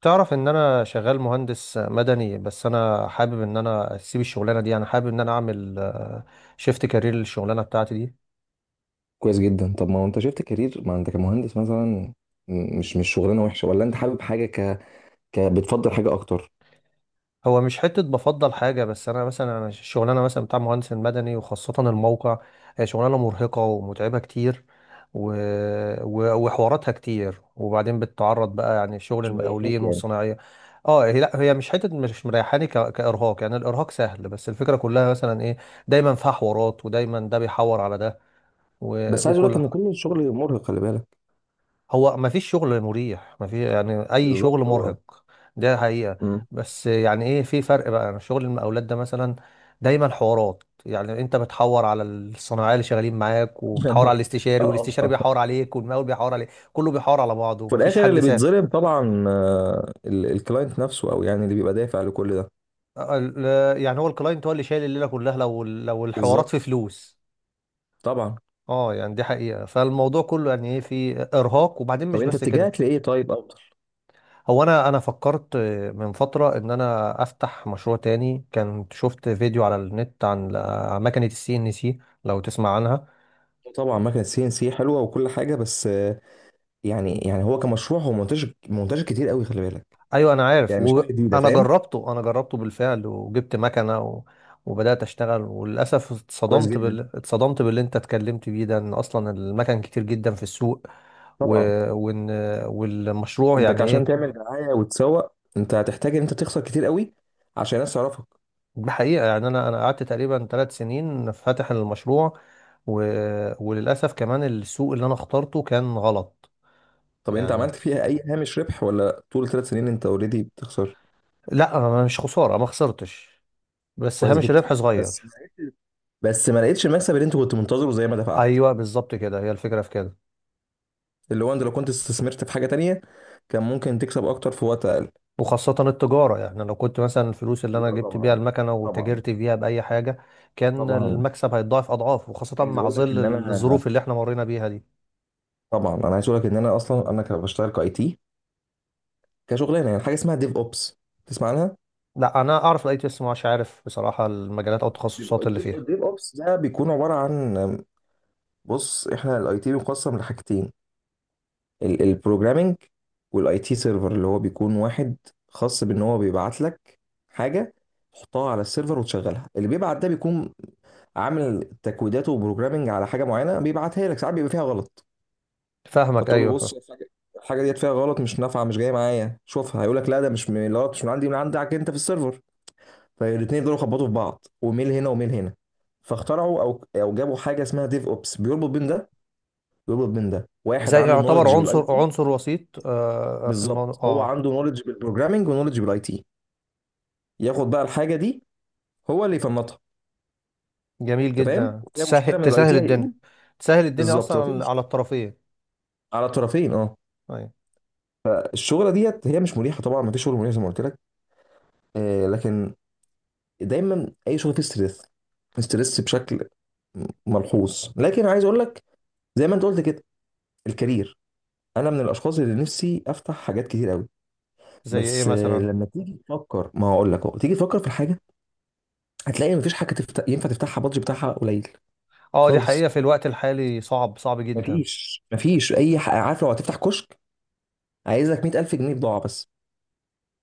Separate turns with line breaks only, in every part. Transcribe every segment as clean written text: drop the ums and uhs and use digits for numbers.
تعرف ان انا شغال مهندس مدني، بس انا حابب ان انا اسيب الشغلانه دي. انا حابب ان انا اعمل شيفت كارير للشغلانه بتاعتي دي.
كويس جدا. طب ما هو انت شفت كارير، ما انت كمهندس مثلا، مش شغلانه وحشه، ولا انت حابب حاجه بتفضل حاجه اكتر؟
هو مش حته بفضل حاجه، بس انا مثلا الشغلانه مثلا بتاع مهندس المدني وخاصه الموقع هي شغلانه مرهقه ومتعبه كتير. و... و... وحواراتها كتير، وبعدين بتتعرض بقى يعني شغل
مش مريحاك
المقاولين
يعني؟
والصناعيه. اه، هي لا هي مش حته مش مريحاني كارهاق، يعني الارهاق سهل، بس الفكره كلها مثلا ايه، دايما فيها حوارات ودايما ده بيحور على ده. و...
بس عايز اقول لك
وكل.
ان كل الشغل مرهق، خلي بالك.
هو ما فيش شغل مريح، ما في يعني اي شغل
بالظبط هو.
مرهق. ده حقيقة.
مم.
بس يعني ايه، في فرق بقى. انا شغل المقاولات ده مثلا دايما حوارات. يعني انت بتحور على الصناعيه اللي شغالين معاك، وبتحور على الاستشاري،
اه
والاستشاري
آه.
بيحور عليك، والمقاول بيحور عليك، كله بيحور على بعضه
في
ومفيش
الاخر
حد
اللي بيتظلم
سابك.
طبعا، الكلاينت نفسه، او يعني اللي بيبقى دافع لكل ده.
يعني هو الكلاينت هو اللي شايل الليله كلها، لو الحوارات في
بالظبط.
فلوس.
طبعا.
اه، يعني دي حقيقه. فالموضوع كله يعني ايه، في ارهاق، وبعدين
طب
مش
انت
بس كده.
اتجهت لايه طيب افضل؟
هو انا فكرت من فتره ان انا افتح مشروع تاني. كان شفت فيديو على النت عن مكنه السي ان سي، لو تسمع عنها.
طبعا مكنه سي ان سي حلوه وكل حاجه، بس يعني هو كمشروع هو منتشر منتشر كتير قوي، خلي بالك.
ايوه انا عارف،
يعني مش حاجه جديده،
وانا
فاهم؟
جربته، انا جربته بالفعل، وجبت مكنه وبدات اشتغل. وللاسف
كويس
اتصدمت
جدا.
اتصدمت باللي انت اتكلمت بيه ده، ان اصلا المكن كتير جدا في السوق. و...
طبعا.
وان والمشروع
انت
يعني
عشان
ايه.
تعمل دعايه وتسوق، انت هتحتاج ان انت تخسر كتير قوي عشان الناس تعرفك.
دي حقيقة، يعني أنا قعدت تقريبا 3 سنين فاتح المشروع. و... وللأسف كمان السوق اللي أنا اخترته كان غلط.
طب انت
يعني
عملت فيها اي هامش ربح، ولا طول 3 سنين انت اوريدي بتخسر؟
لا أنا مش خسارة، ما خسرتش، بس
كويس
هامش
جدا.
الربح
بس ما
صغير.
لقيتش- بس ما لقيتش المكسب اللي انت كنت منتظره زي ما دفعت.
أيوه بالظبط كده، هي الفكرة في كده.
اللي هو انت لو كنت استثمرت في حاجه تانية، كان ممكن تكسب اكتر في وقت اقل.
وخاصة التجارة، يعني لو كنت مثلا الفلوس اللي أنا
تجارة
جبت بيها
طبعا.
المكنة
طبعا.
وتاجرت فيها بأي حاجة، كان
طبعا
المكسب هيتضاعف أضعاف، وخاصة
عايز
مع
اقول لك
ظل
ان انا
الظروف اللي احنا مرينا بيها دي.
طبعا انا عايز اقول لك ان انا اصلا كان بشتغل كاي تي، كشغلانه، يعني حاجه اسمها ديف اوبس، تسمع عنها؟
لا أنا أعرف الأي تي إس، مش عارف بصراحة المجالات أو التخصصات اللي فيها.
الديف أوبس ده بيكون عبارة عن، بص احنا الاي تي بيقسم لحاجتين: البروجرامنج والاي تي سيرفر، اللي هو بيكون واحد خاص بان هو بيبعت لك حاجه تحطها على السيرفر وتشغلها. اللي بيبعت ده بيكون عامل تكويداته وبروجرامنج على حاجه معينه، بيبعتها لك ساعات بيبقى فيها غلط.
فاهمك،
فتقول له بص،
أيوه.
الحاجه ديت فيها غلط، مش نافعه، مش جايه معايا، شوفها. هيقول لك لا، ده مش من الغلط، مش من عندي، من عندك انت في السيرفر. فالاثنين يفضلوا يخبطوا في بعض، وميل هنا وميل هنا. فاخترعوا او جابوا حاجه اسمها ديف اوبس بيربط بين ده، يربط بين ده، واحد
زي
عنده
يعتبر
نولج بالاي
عنصر
تي.
وسيط آه، في الموضوع،
بالظبط، هو
اه.
عنده نولج بالبروجرامنج ونولج بالاي تي، ياخد بقى الحاجه دي، هو اللي يفنطها.
جميل
انت فاهم،
جدا،
وفيها مشكله
تسهل
من الاي تي
الدنيا.
هيقول.
تسهل الدنيا
بالظبط،
اصلا
لو في
على
مش-
الطرفين.
على طرفين اه.
ايوه.
الشغله ديت هي مش مريحه طبعا، ما فيش شغل مريح زي ما قلت لك. آه، لكن دايما اي شغل فيه ستريس، ستريس بشكل ملحوظ، لكن عايز اقول لك، زي ما انت قلت كده، الكارير، انا من الاشخاص اللي نفسي افتح حاجات كتير قوي.
زي ايه
بس
مثلا؟
لما تيجي تفكر، ما هقول لك اهو، تيجي تفكر في الحاجه، هتلاقي مفيش حاجه ينفع تفتحها بادج بتاعها قليل.
اه دي حقيقة،
خالص.
في الوقت الحالي صعب جدا.
مفيش اي حاجه. عارف لو هتفتح كشك، عايز لك 100000 جنيه بضاعه بس.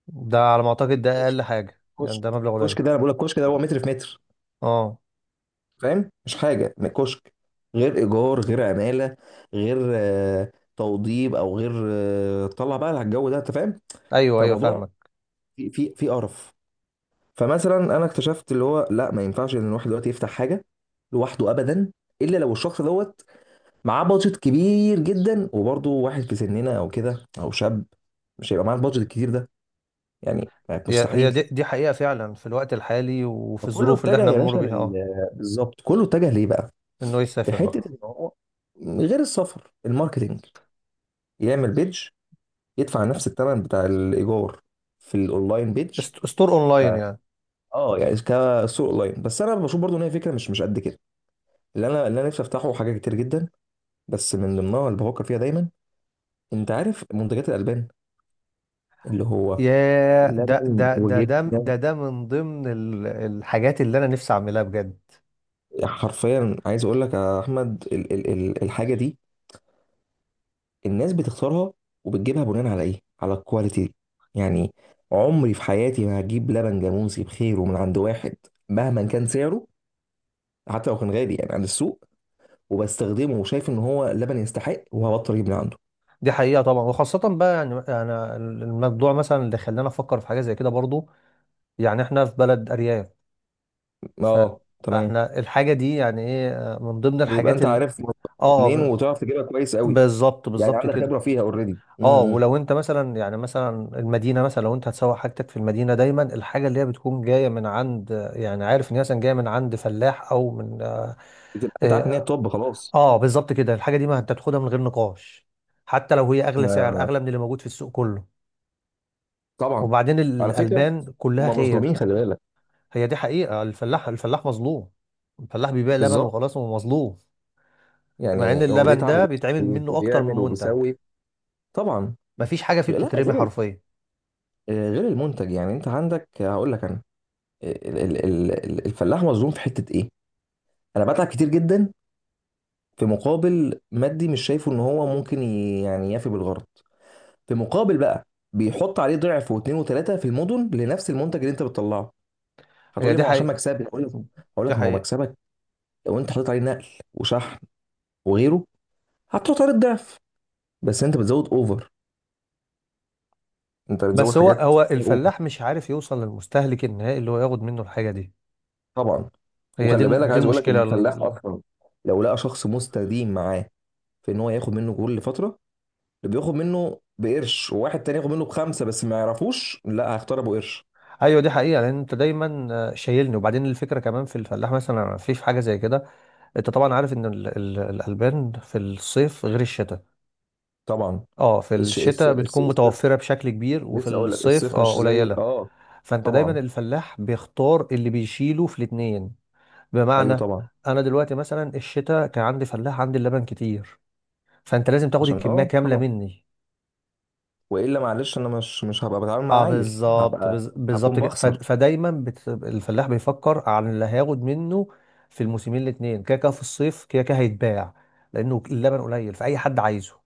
ده على ما اعتقد ده
كشك
اقل حاجة، يعني
كشك
ده مبلغ قليل.
كشك ده انا بقول لك، كشك ده هو متر في متر،
اه،
فاهم، مش حاجه كشك. غير ايجار، غير عماله، غير توضيب، او غير طلع بقى على الجو ده، انت فاهم.
ايوه ايوه
فالموضوع
فاهمك.
في قرف. فمثلا انا اكتشفت اللي هو لا، ما ينفعش ان الواحد دلوقتي يفتح حاجه لوحده ابدا، الا لو الشخص دوت معاه بادجت كبير جدا، وبرضه واحد في سننا او كده او شاب، مش هيبقى معاه البادجت الكتير ده، يعني
هي
مستحيل.
دي حقيقة فعلا، في الوقت الحالي وفي
فكله
الظروف اللي
اتجه
احنا
يا
بنمر
باشا
بيها،
لل،
اه.
بالظبط، كله اتجه ليه بقى؟
انه يسافر
لحته
بقى.
ان هو، غير السفر، الماركتينج، يعمل بيدج، يدفع نفس الثمن بتاع الايجار في الاونلاين، بيدج.
استور اونلاين
ك-
يعني.
اه يعني كسوق اونلاين، بس انا بشوف برضو ان هي فكره مش قد كده. اللي انا نفسي افتحه حاجه كتير جدا، بس من ضمنها اللي بفكر فيها دايما، انت عارف منتجات الالبان اللي هو
ياه ده
لبن
ده ده ده
وجبنه.
ده ده من ضمن الحاجات اللي انا نفسي اعملها بجد.
حرفيا عايز اقول لك يا احمد، ال ال ال الحاجه دي الناس بتختارها وبتجيبها بناء على ايه؟ على الكواليتي يعني. عمري في حياتي ما هجيب لبن جاموسي بخيره من عند واحد مهما كان سعره، حتى لو كان غالي يعني عند السوق، وبستخدمه وشايف ان هو لبن يستحق، وهبطل اجيب من عنده.
دي حقيقة طبعا، وخاصة بقى يعني انا الموضوع مثلا اللي خلاني افكر في حاجة زي كده برضو. يعني احنا في بلد ارياف. ف-
اه تمام.
فاحنا الحاجة دي يعني ايه، من ضمن
بتبقى
الحاجات
انت عارف
اه
منين،
ب-
وتعرف تجيبها كويس قوي،
بالظبط
يعني عندك
كده.
خبره فيها اوريدي
اه،
امم
ولو انت مثلا يعني مثلا المدينة، مثلا لو انت هتسوق حاجتك في المدينة، دايما الحاجة اللي هي بتكون جاية من عند، يعني عارف ان هي مثلا جاية من عند فلاح او من آه،
بتبقى انت عارف ان هي
آه،
توب خلاص.
اه بالظبط كده. الحاجه دي ما انت بتاخدها من غير نقاش، حتى لو هي اغلى سعر، اغلى من اللي موجود في السوق كله.
طبعا.
وبعدين
على فكره،
الالبان
هم
كلها خير.
مظلومين، خلي بالك.
هي دي حقيقه، الفلاح مظلوم. الفلاح بيبيع لبن
بالظبط.
وخلاص، هو مظلوم. مع ان
يعني هو
اللبن
بيتعب
ده بيتعمل منه اكتر
وبيعمل
من منتج،
وبيسوي. طبعا.
مفيش حاجه فيه
لا
بتترمي
غير
حرفيا.
غير المنتج، يعني انت عندك، هقول لك انا، الفلاح مظلوم في حته ايه. انا بتعب كتير جدا في مقابل مادي مش شايفه ان هو ممكن يعني يفي بالغرض. في مقابل بقى بيحط عليه ضعف واثنين وثلاثه في المدن لنفس المنتج اللي انت بتطلعه. هتقول
هي
لي
دي
ما هو عشان
حقيقه.
مكسبي، هقول لك،
دي
ما هو
حقيقه.
مكسبك، لو انت حطيت عليه نقل وشحن وغيره، هتحط عليه الضعف، بس انت بتزود اوفر، انت بتزود
بس هو
حاجات
هو
اوفر.
الفلاح مش عارف يوصل للمستهلك النهائي اللي هو ياخد منه الحاجه دي.
طبعا.
هي
وخلي بالك
دي
عايز اقول لك ان
المشكله.
الفلاح اصلا، لو لقى شخص مستديم معاه، في ان هو ياخد منه جول لفتره، اللي بياخد منه بقرش وواحد تاني ياخد منه بخمسه بس ما يعرفوش، لا هيختار ابو قرش.
ايوه دي حقيقه، لان انت دايما آه، شايلني. وبعدين الفكره كمان في الفلاح، مثلا في حاجه زي كده. انت طبعا عارف ان الالبان في الصيف غير الشتاء.
طبعا.
اه في الشتاء بتكون
الصيف،
متوفره بشكل كبير، وفي
لسه اقول لك،
الصيف
الصيف
اه
مش زي
قليله.
اه
فانت دايما
طبعا.
الفلاح بيختار اللي بيشيله في الاتنين.
ايوه
بمعنى،
طبعا.
انا دلوقتي مثلا الشتاء كان عندي فلاح، عندي اللبن كتير، فانت لازم تاخد
عشان
الكميه كامله
طبعا.
مني.
والا معلش انا مش هبقى بتعامل
اه
مع عيل،
بالظبط،
هبقى هكون
بالظبط كده.
بخسر.
فدايما الفلاح بيفكر عن اللي هياخد منه في الموسمين الاثنين. كده كده في الصيف كده كده هيتباع، لانه اللبن قليل فاي حد عايزه.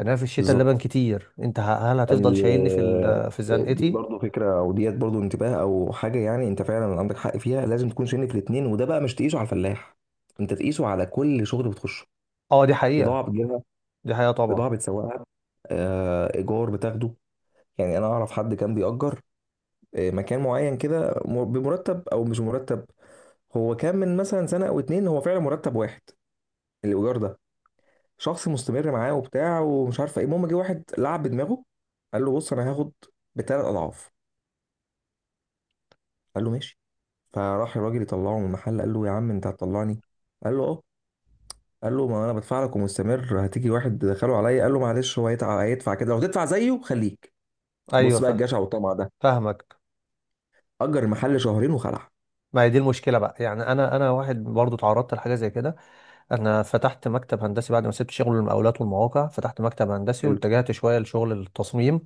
انا في الشتاء اللبن
بالظبط
كتير، انت هل هتفضل
يعني.
شايلني في
دي
زنقتي؟
برضو فكره او ديت برضو انتباه او حاجه، يعني انت فعلا عندك حق فيها، لازم تكون شايف الاثنين، وده بقى مش تقيسه على الفلاح، انت تقيسه على كل شغل بتخشه.
اه دي
بضاعه
حقيقة.
بتجيبها،
دي حقيقة طبعا.
بضاعه بتسوقها، ايجار بتاخده. يعني انا اعرف حد كان بيأجر مكان معين كده، بمرتب او مش مرتب. هو كان من مثلا سنه او اتنين هو فعلا مرتب واحد الايجار ده، شخص مستمر معاه وبتاع ومش عارفه ايه، المهم جه واحد لعب بدماغه، قال له بص انا هاخد بثلاث اضعاف. قال له ماشي. فراح الراجل يطلعه من المحل، قال له يا عم انت هتطلعني؟ قال له اه. قال له ما انا بدفع لك ومستمر، هتيجي واحد دخله عليا. قال له معلش، هو هيدفع كده، لو تدفع زيه خليك.
ايوه
بص بقى الجشع والطمع ده،
فاهمك.
اجر المحل شهرين وخلع.
ما هي دي المشكله بقى، يعني انا واحد برضو اتعرضت لحاجه زي كده. انا فتحت مكتب هندسي بعد ما سبت شغل المقاولات والمواقع، فتحت مكتب هندسي
حلو.
واتجهت شويه لشغل التصميم،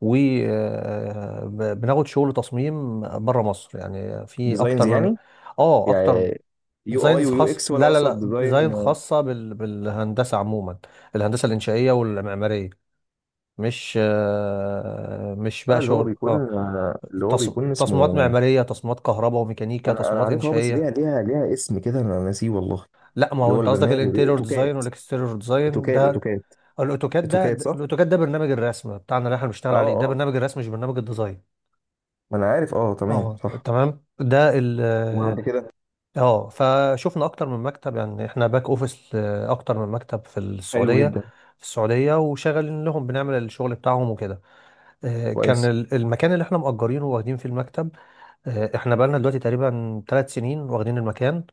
وبناخد شغل تصميم بره مصر، يعني في اكتر
ديزاينز
من.
يعني؟
اه اكتر.
يعني يو اي
ديزاينز
ويو
خاص،
اكس، ولا
لا لا
اقصد
لا
ديزاين؟
ديزاين خاصه بالهندسه عموما، الهندسه الانشائيه والمعماريه. مش آه، مش بقى شغل، اه
اللي هو
تص...
بيكون
تصميمات
اسمه،
معماريه، تصميمات كهرباء وميكانيكا،
انا
تصميمات
عارفها اه، بس
انشائيه.
ليها اسم كده انا ناسيه والله.
لا ما
اللي
هو
هو
انت قصدك
البرنامج
الانتيريور ديزاين
اتوكات.
والاكستيريور ديزاين
اتوكات
ده.
اتوكات
الاوتوكاد ده،
اتوكات صح؟
الاوتوكاد ده برنامج الرسم بتاعنا اللي احنا بنشتغل
اه
عليه، ده
اه،
برنامج الرسم مش برنامج الديزاين.
ما انا عارف اه، تمام
اه
صح.
تمام، ده ال،
وبعد كده.
اه. فشفنا اكتر من مكتب، يعني احنا باك اوفيس، اكتر من مكتب في
حلو
السعوديه.
جدا.
في السعوديه وشغالين لهم، بنعمل الشغل بتاعهم وكده. آه، كان
كويس.
المكان اللي احنا مأجرينه واخدين فيه المكتب، آه، احنا بقالنا دلوقتي تقريبا 3 سنين واخدين المكان.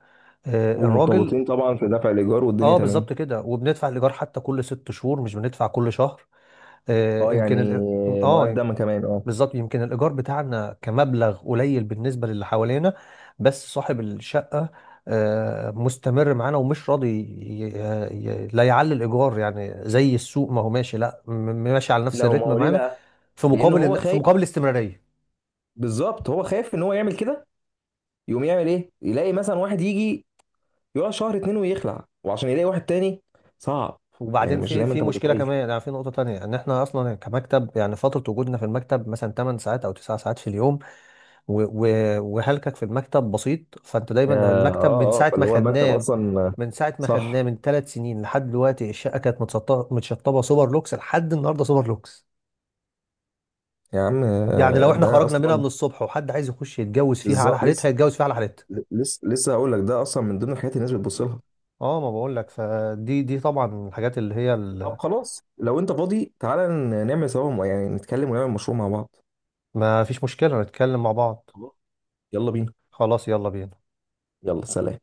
آه، الراجل.
ومرتبطين طبعا في دفع الايجار والدنيا
اه
تمام.
بالظبط كده، وبندفع الايجار حتى كل 6 شهور، مش بندفع كل شهر. آه،
اه
يمكن
يعني.
اه
مقدم كمان اه.
بالظبط، يمكن الإيجار بتاعنا كمبلغ قليل بالنسبة للي حوالينا، بس صاحب الشقة آه، مستمر معانا ومش راضي لا يعلي الإيجار، يعني زي السوق ما هو ماشي، لا ماشي على نفس
لا هو، ما
الريتم
هو ليه
معانا،
بقى؟
في
لان هو
مقابل في
خايف.
مقابل الاستمرارية.
بالظبط، هو خايف ان هو يعمل كده، يقوم يعمل ايه، يلاقي مثلا واحد يجي يقعد شهر اتنين ويخلع، وعشان يلاقي واحد تاني صعب. يعني
وبعدين
مش
في
زي ما انت
مشكلة
متخيل.
كمان، يعني في نقطة تانية، إن إحنا أصلا كمكتب يعني فترة وجودنا في المكتب مثلا 8 ساعات أو 9 ساعات في اليوم، و- و- وهلكك في المكتب بسيط. فانت دايما هو المكتب من
اه. اه،
ساعه ما
فاللي هو المكتب
خدناه،
اصلا.
من ساعه ما خدناه
صح.
من 3 سنين لحد دلوقتي الشقه كانت متسطبه متشطبه سوبر لوكس، لحد النهارده سوبر لوكس.
يا عم،
يعني لو احنا
ده
خرجنا منها
اصلا.
من الصبح وحد عايز يخش يتجوز فيها على
بالظبط
حالتها،
لسه.
يتجوز فيها على حالتها.
لسه هقول لك ده اصلا من ضمن الحاجات اللي الناس بتبص لها.
اه ما بقول لك، فدي طبعا الحاجات اللي هي
طب
ال-.
خلاص، لو انت فاضي تعالى نعمل سوا، يعني نتكلم ونعمل مشروع مع بعض.
ما فيش مشكله نتكلم مع بعض.
خلاص، يلا بينا.
خلاص، يلا بينا.
يلا سلام.